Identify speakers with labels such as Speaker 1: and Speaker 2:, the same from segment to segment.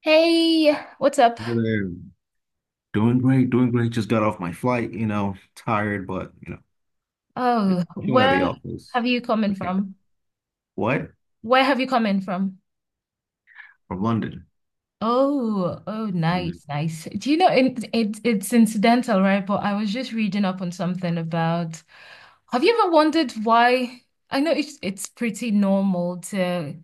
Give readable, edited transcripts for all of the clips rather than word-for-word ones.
Speaker 1: Hey, what's up?
Speaker 2: Really. Doing great, doing great. Just got off my flight, you know, tired, but just
Speaker 1: Oh,
Speaker 2: chilling at the
Speaker 1: where
Speaker 2: office.
Speaker 1: have you come in
Speaker 2: Okay.
Speaker 1: from?
Speaker 2: What?
Speaker 1: Where have you come in from?
Speaker 2: From London.
Speaker 1: Oh, oh,
Speaker 2: hmm
Speaker 1: nice, nice. Do you know it's incidental, right? But I was just reading up on something about. Have you ever wondered why? I know it's pretty normal to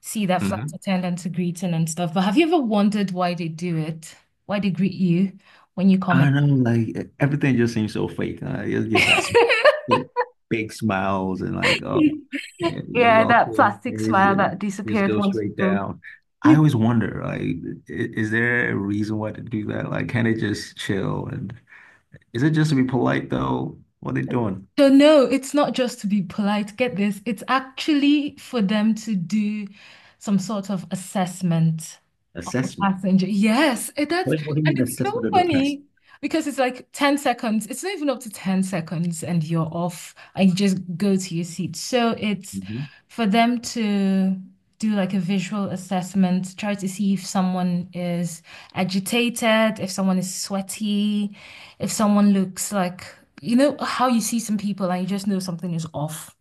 Speaker 1: see that flight
Speaker 2: hmm
Speaker 1: attendants greeting and stuff, but have you ever wondered why they do it? Why they greet you when you come in?
Speaker 2: I know, like, everything just seems so fake. You just got big big smiles and like, oh, yeah, you're
Speaker 1: Yeah, that
Speaker 2: welcome.
Speaker 1: plastic
Speaker 2: Here is
Speaker 1: smile
Speaker 2: it.
Speaker 1: that
Speaker 2: Just
Speaker 1: disappears
Speaker 2: go
Speaker 1: once you
Speaker 2: straight
Speaker 1: go.
Speaker 2: down. I always wonder, like, is there a reason why to do that? Like, can they just chill? And is it just to be polite though? What are they doing?
Speaker 1: So no, it's not just to be polite. Get this. It's actually for them to do some sort of assessment.
Speaker 2: Assessment.
Speaker 1: Passenger. Yes, it, that's
Speaker 2: What do you
Speaker 1: and
Speaker 2: mean
Speaker 1: it's so
Speaker 2: assessment of the past?
Speaker 1: funny because it's like 10 seconds. It's not even up to 10 seconds and you're off and you just go to your seat. So it's
Speaker 2: Mhm.
Speaker 1: for them to do like a visual assessment, try to see if someone is agitated, if someone is sweaty, if someone looks like, you know, how you see some people and you just know something is off.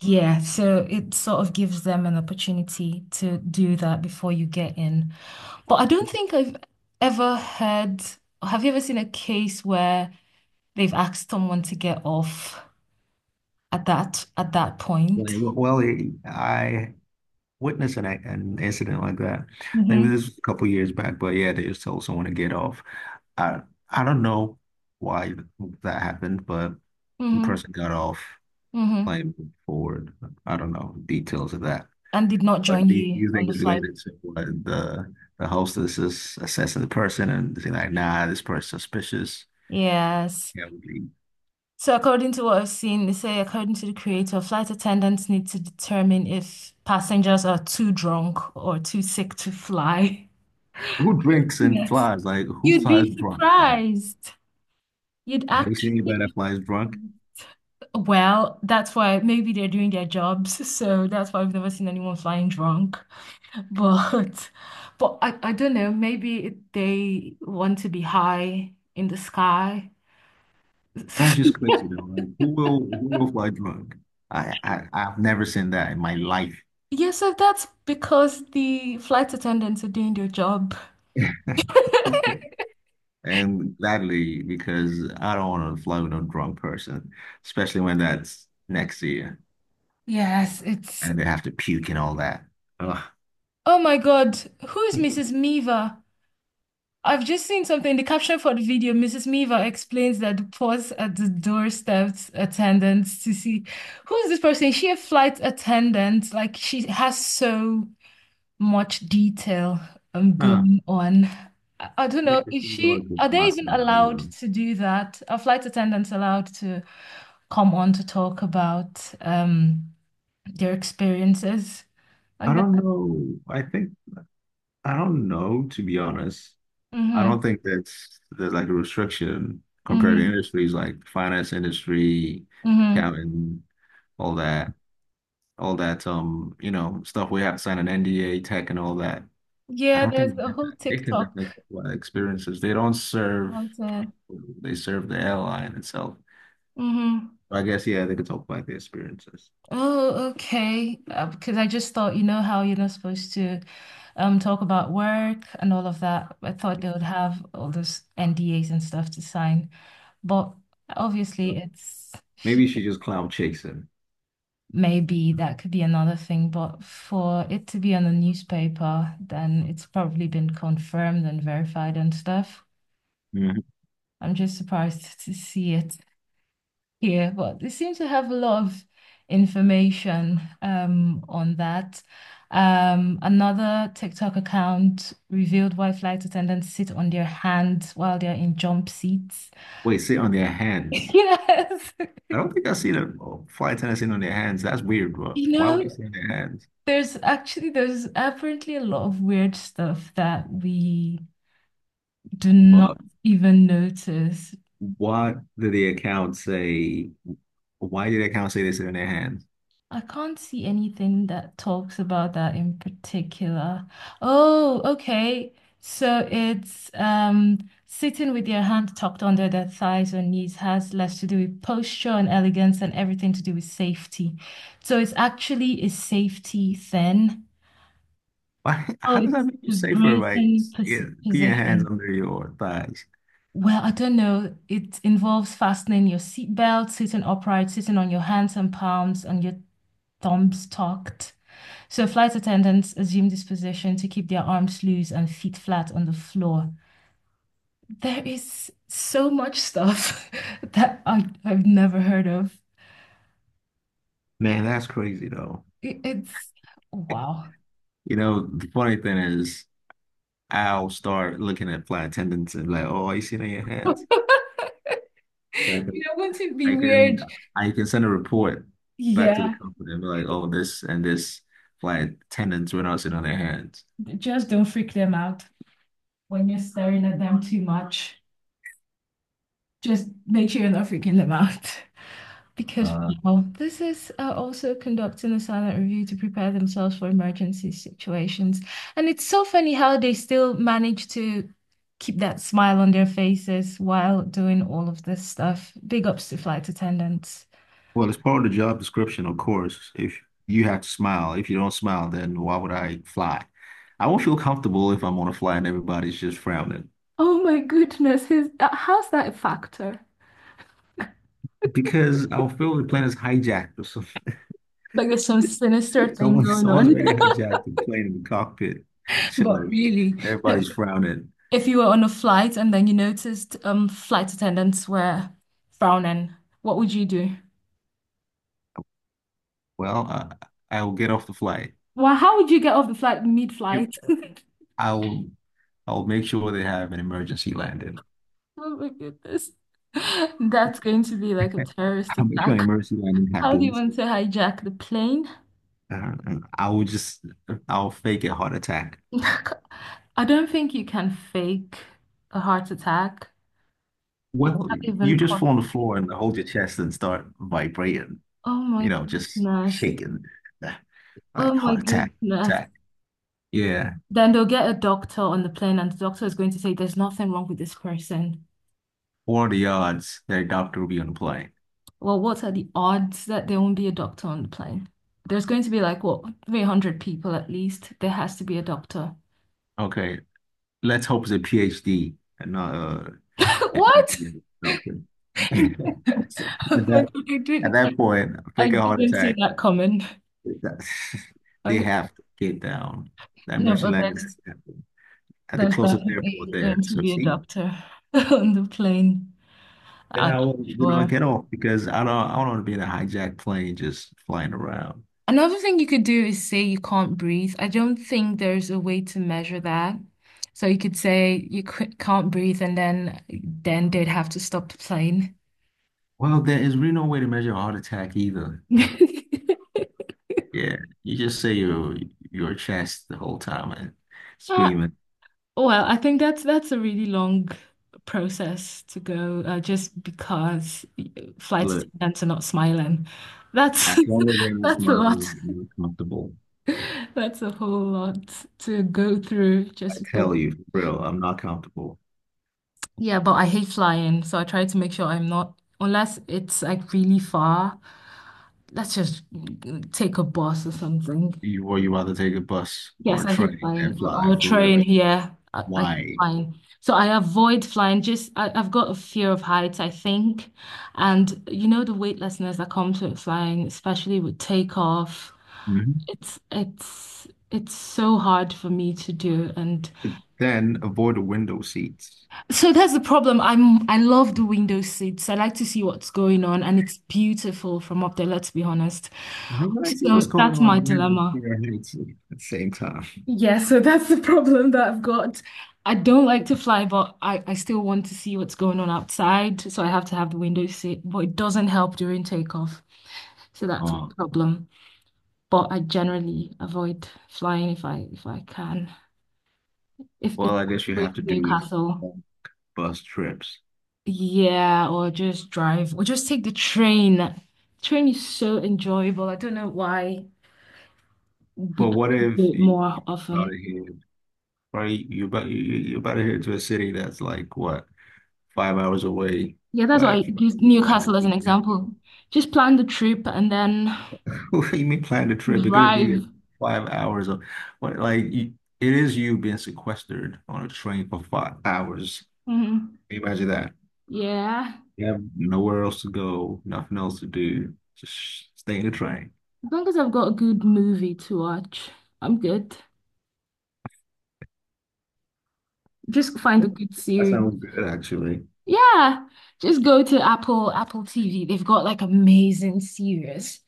Speaker 1: Yeah, so it sort of gives them an opportunity to do that before you get in. But I don't think I've ever heard, have you ever seen a case where they've asked someone to get off at that point?
Speaker 2: Like, well, I witnessed an incident like that. I think this
Speaker 1: hmm
Speaker 2: was a couple years back, but yeah, they just told someone to get off. I I don't know why that happened, but the
Speaker 1: hmm
Speaker 2: person got off,
Speaker 1: hmm
Speaker 2: claimed forward. I don't know details of that.
Speaker 1: And did not
Speaker 2: But
Speaker 1: join
Speaker 2: do
Speaker 1: you
Speaker 2: you
Speaker 1: on
Speaker 2: think
Speaker 1: the
Speaker 2: it's
Speaker 1: flight.
Speaker 2: related to what the hostess is assessing the person and saying like, nah, this person's suspicious?
Speaker 1: Yes.
Speaker 2: Yeah.
Speaker 1: So according to what I've seen, they say according to the creator, flight attendants need to determine if passengers are too drunk or too sick to fly.
Speaker 2: Who drinks and
Speaker 1: Yes.
Speaker 2: flies? Like, who
Speaker 1: You'd
Speaker 2: flies
Speaker 1: be
Speaker 2: drunk, man?
Speaker 1: surprised. You'd
Speaker 2: Have you
Speaker 1: actually
Speaker 2: seen anybody that
Speaker 1: be
Speaker 2: flies drunk?
Speaker 1: surprised. Well, that's why maybe they're doing their jobs, so that's why I've never seen anyone flying drunk. But but I don't know, maybe they want to be high in the sky.
Speaker 2: That's just crazy, though. Like, who will fly drunk? I've never seen that in my life.
Speaker 1: Yeah, so that's because the flight attendants are doing their job.
Speaker 2: Okay. And gladly, because I don't want to fly with no drunk person, especially when that's next to you
Speaker 1: Yes, it's
Speaker 2: and they have to puke and all that. Ugh.
Speaker 1: oh my God, who is Mrs. Meaver? I've just seen something. The caption for the video, Mrs. Miva explains that the pause at the doorstep attendants to see who is this person? Is she a flight attendant? Like she has so much detail
Speaker 2: Huh.
Speaker 1: going on. I don't
Speaker 2: I
Speaker 1: know,
Speaker 2: need to
Speaker 1: is
Speaker 2: think about
Speaker 1: she
Speaker 2: it for
Speaker 1: are they even
Speaker 2: myself. Hold
Speaker 1: allowed
Speaker 2: on.
Speaker 1: to do that? Are flight attendants allowed to come on to talk about their experiences like
Speaker 2: I don't
Speaker 1: that?
Speaker 2: know. I think I don't know, to be honest. I
Speaker 1: Mm-hmm.
Speaker 2: don't think that's there's like a restriction compared to
Speaker 1: Mm-hmm.
Speaker 2: industries like finance industry,
Speaker 1: Mm-hmm.
Speaker 2: accounting, all that, all that you know, stuff we have to sign an NDA, tech and all that. I
Speaker 1: Yeah,
Speaker 2: don't think
Speaker 1: there's
Speaker 2: they
Speaker 1: a
Speaker 2: have
Speaker 1: whole
Speaker 2: that. They can
Speaker 1: TikTok
Speaker 2: definitely talk about experiences. They don't serve,
Speaker 1: about it.
Speaker 2: they serve the airline itself.
Speaker 1: Mm-hmm.
Speaker 2: So I guess yeah, they could talk about the experiences.
Speaker 1: Oh, okay. Because I just thought, you know how you're not supposed to talk about work and all of that. I thought they would have all those NDAs and stuff to sign. But
Speaker 2: So
Speaker 1: obviously it's
Speaker 2: maybe you should just cloud chase them.
Speaker 1: maybe that could be another thing, but for it to be on the newspaper, then it's probably been confirmed and verified and stuff.
Speaker 2: Mhm.
Speaker 1: I'm just surprised to see it. Here, but they seem to have a lot of information on that. Another TikTok account revealed why flight attendants sit on their hands while they're in jump seats.
Speaker 2: Wait, sit on their hands.
Speaker 1: Yes.
Speaker 2: I don't think I've seen a flight attendant sitting on their hands. That's weird, but
Speaker 1: You
Speaker 2: why would they
Speaker 1: know,
Speaker 2: sit on their hands?
Speaker 1: there's apparently a lot of weird stuff that we do not
Speaker 2: But
Speaker 1: even notice.
Speaker 2: what did the account say? Why did the account say this in their hands?
Speaker 1: I can't see anything that talks about that in particular. Oh, okay. So it's sitting with your hand tucked under their thighs or knees has less to do with posture and elegance and everything to do with safety. So it's actually a safety thing.
Speaker 2: Why, how
Speaker 1: Oh,
Speaker 2: does that
Speaker 1: it's
Speaker 2: make you
Speaker 1: the
Speaker 2: safer by
Speaker 1: bracing pos
Speaker 2: yeah, being hands
Speaker 1: position.
Speaker 2: under your thighs?
Speaker 1: Well, I don't know. It involves fastening your seatbelt, sitting upright, sitting on your hands and palms, and your thumbs tucked. So flight attendants assume this position to keep their arms loose and feet flat on the floor. There is so much stuff that I've never heard of.
Speaker 2: Man, that's crazy though.
Speaker 1: It's wow.
Speaker 2: You know, the funny thing is, I'll start looking at flight attendants and like, oh, you see it on your hands? And
Speaker 1: You know, wouldn't it be
Speaker 2: I can,
Speaker 1: weird?
Speaker 2: I can send a report back to the
Speaker 1: Yeah,
Speaker 2: company and be like, oh, this and this flight attendants were not sitting on their hands.
Speaker 1: just don't freak them out when you're staring at them too much. Just make sure you're not freaking them out. Because,
Speaker 2: Uh,
Speaker 1: well, this is also conducting a silent review to prepare themselves for emergency situations. And it's so funny how they still manage to keep that smile on their faces while doing all of this stuff. Big ups to flight attendants.
Speaker 2: Well, it's part of the job description, of course. If you have to smile, if you don't smile, then why would I fly? I won't feel comfortable if I'm on a flight and everybody's just frowning
Speaker 1: Oh my goodness, is that, how's that a factor?
Speaker 2: because I'll feel the plane is hijacked or something.
Speaker 1: Like there's some sinister thing going
Speaker 2: Someone's
Speaker 1: on.
Speaker 2: already hijacked the plane in the cockpit,
Speaker 1: But
Speaker 2: chilling.
Speaker 1: really,
Speaker 2: Everybody's frowning.
Speaker 1: if you were on a flight and then you noticed flight attendants were frowning, what would you do?
Speaker 2: Well, I will get off the flight.
Speaker 1: Well, how would you get off the flight
Speaker 2: If
Speaker 1: mid-flight?
Speaker 2: I'll, I'll make sure they have an emergency landing.
Speaker 1: Oh my goodness. That's going to be like a terrorist
Speaker 2: I'll make sure
Speaker 1: attack.
Speaker 2: an emergency landing
Speaker 1: How do you
Speaker 2: happens.
Speaker 1: want to hijack the plane?
Speaker 2: Uh, I will just, I'll fake a heart attack.
Speaker 1: I don't think you can fake a heart attack.
Speaker 2: Well,
Speaker 1: Not even
Speaker 2: you just fall
Speaker 1: possible.
Speaker 2: on the floor and hold your chest and start vibrating,
Speaker 1: Oh my
Speaker 2: you know, just
Speaker 1: goodness.
Speaker 2: shaking,
Speaker 1: Oh
Speaker 2: like
Speaker 1: my
Speaker 2: heart attack,
Speaker 1: goodness.
Speaker 2: attack. Yeah.
Speaker 1: Then they'll get a doctor on the plane, and the doctor is going to say, there's nothing wrong with this person.
Speaker 2: What are the odds that a doctor will be on the plane?
Speaker 1: Well, what are the odds that there won't be a doctor on the plane? There's going to be like, what, 300 people at least. There has to be a doctor.
Speaker 2: Okay, let's hope it's a PhD and not a
Speaker 1: What?
Speaker 2: MD doctor.
Speaker 1: Oh
Speaker 2: At
Speaker 1: my
Speaker 2: that
Speaker 1: God,
Speaker 2: at that point,
Speaker 1: I
Speaker 2: fake a heart
Speaker 1: didn't see
Speaker 2: attack.
Speaker 1: that coming.
Speaker 2: that- They
Speaker 1: I
Speaker 2: have to get down. That
Speaker 1: no,
Speaker 2: emergency
Speaker 1: but
Speaker 2: landing has to happen at the
Speaker 1: there's
Speaker 2: closest airport
Speaker 1: definitely
Speaker 2: there.
Speaker 1: going to
Speaker 2: So
Speaker 1: be a
Speaker 2: see,
Speaker 1: doctor on the plane.
Speaker 2: then
Speaker 1: I'm
Speaker 2: I will, you know,
Speaker 1: sure.
Speaker 2: get off because I don't want to be in a hijacked plane just flying around.
Speaker 1: Another thing you could do is say you can't breathe. I don't think there's a way to measure that. So you could say you can't breathe, and then they'd have to stop the plane.
Speaker 2: Well, there is really no way to measure a heart attack either. Yeah, you just say your chest the whole time and
Speaker 1: Uh,
Speaker 2: screaming.
Speaker 1: Oh, Well, I think that's a really long process to go just because flight
Speaker 2: Look,
Speaker 1: attendants are not smiling.
Speaker 2: as
Speaker 1: That's
Speaker 2: long as I'm
Speaker 1: that's a lot.
Speaker 2: smiling and you're comfortable,
Speaker 1: That's a whole lot to go through
Speaker 2: I
Speaker 1: just because.
Speaker 2: tell you, for real, I'm not comfortable.
Speaker 1: Yeah, but I hate flying, so I try to make sure I'm not unless it's like really far. Let's just take a bus or something.
Speaker 2: You or you rather take a bus or
Speaker 1: Yes,
Speaker 2: a
Speaker 1: I hate
Speaker 2: train
Speaker 1: flying
Speaker 2: and
Speaker 1: or,
Speaker 2: fly
Speaker 1: or
Speaker 2: for real.
Speaker 1: train yeah, I hate
Speaker 2: Why?
Speaker 1: flying. So I avoid flying. Just I've got a fear of heights, I think. And you know the weightlessness that comes with flying, especially with takeoff.
Speaker 2: Mhm.
Speaker 1: It's so hard for me to do. And
Speaker 2: Then avoid the window seats.
Speaker 1: so that's the problem. I love the window seats. I like to see what's going on and it's beautiful from up there, let's be honest.
Speaker 2: I don't really see what's
Speaker 1: So
Speaker 2: going
Speaker 1: that's
Speaker 2: on
Speaker 1: my
Speaker 2: in
Speaker 1: dilemma.
Speaker 2: here at the same time.
Speaker 1: Yeah, so that's the problem that I've got. I don't like to fly, but I still want to see what's going on outside. So I have to have the window seat, but it doesn't help during takeoff. So that's
Speaker 2: Uh,
Speaker 1: the problem. But I generally avoid flying if I can. If it's
Speaker 2: well, I guess you
Speaker 1: going
Speaker 2: have
Speaker 1: to
Speaker 2: to do with
Speaker 1: Newcastle,
Speaker 2: um, bus trips.
Speaker 1: yeah, or just drive or just take the train. Train is so enjoyable. I don't know why we do
Speaker 2: Well, what if
Speaker 1: it
Speaker 2: you
Speaker 1: more
Speaker 2: about
Speaker 1: often.
Speaker 2: to head, right? You about you you about to head to a city that's like what 5 hours away
Speaker 1: Yeah, that's
Speaker 2: by
Speaker 1: why I
Speaker 2: a
Speaker 1: use
Speaker 2: train. That
Speaker 1: Newcastle
Speaker 2: would
Speaker 1: as an
Speaker 2: be never-
Speaker 1: example. Just plan the trip and then
Speaker 2: What do you mean plan the trip? You're gonna be there
Speaker 1: drive.
Speaker 2: 5 hours of what? Like you, it is you being sequestered on a train for 5 hours.
Speaker 1: Mhm.
Speaker 2: Can you imagine that?
Speaker 1: Yeah.
Speaker 2: You have nowhere else to go, nothing else to do, just stay in the train.
Speaker 1: As long as I've got a good movie to watch, I'm good. Just find a good
Speaker 2: That
Speaker 1: series.
Speaker 2: sounds good, actually.
Speaker 1: Yeah. Just go to Apple TV. They've got like amazing series.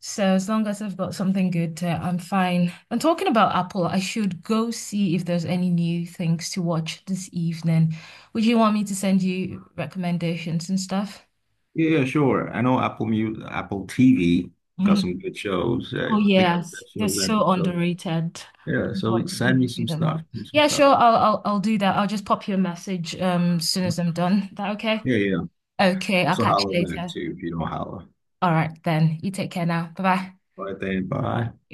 Speaker 1: So as long as I've got something good to, I'm fine. And talking about Apple, I should go see if there's any new things to watch this evening. Would you want me to send you recommendations and stuff?
Speaker 2: Yeah, yeah, sure. I know Apple TV got some
Speaker 1: Mhm.
Speaker 2: good shows.
Speaker 1: Oh
Speaker 2: They got the
Speaker 1: yes,
Speaker 2: best
Speaker 1: they're
Speaker 2: shows ever.
Speaker 1: so
Speaker 2: So
Speaker 1: underrated. I
Speaker 2: yeah,
Speaker 1: don't know why
Speaker 2: so
Speaker 1: people
Speaker 2: send me
Speaker 1: do
Speaker 2: some
Speaker 1: them
Speaker 2: stuff.
Speaker 1: on.
Speaker 2: Some
Speaker 1: Yeah,
Speaker 2: stuff.
Speaker 1: sure. I'll do that. I'll just pop you a message as soon as I'm done. Is that okay?
Speaker 2: Yeah, yeah.
Speaker 1: Okay, I'll
Speaker 2: Also
Speaker 1: catch
Speaker 2: holla
Speaker 1: you
Speaker 2: back
Speaker 1: later.
Speaker 2: too if you don't holler.
Speaker 1: All right then. You take care now. Bye bye.
Speaker 2: All right, then. Bye.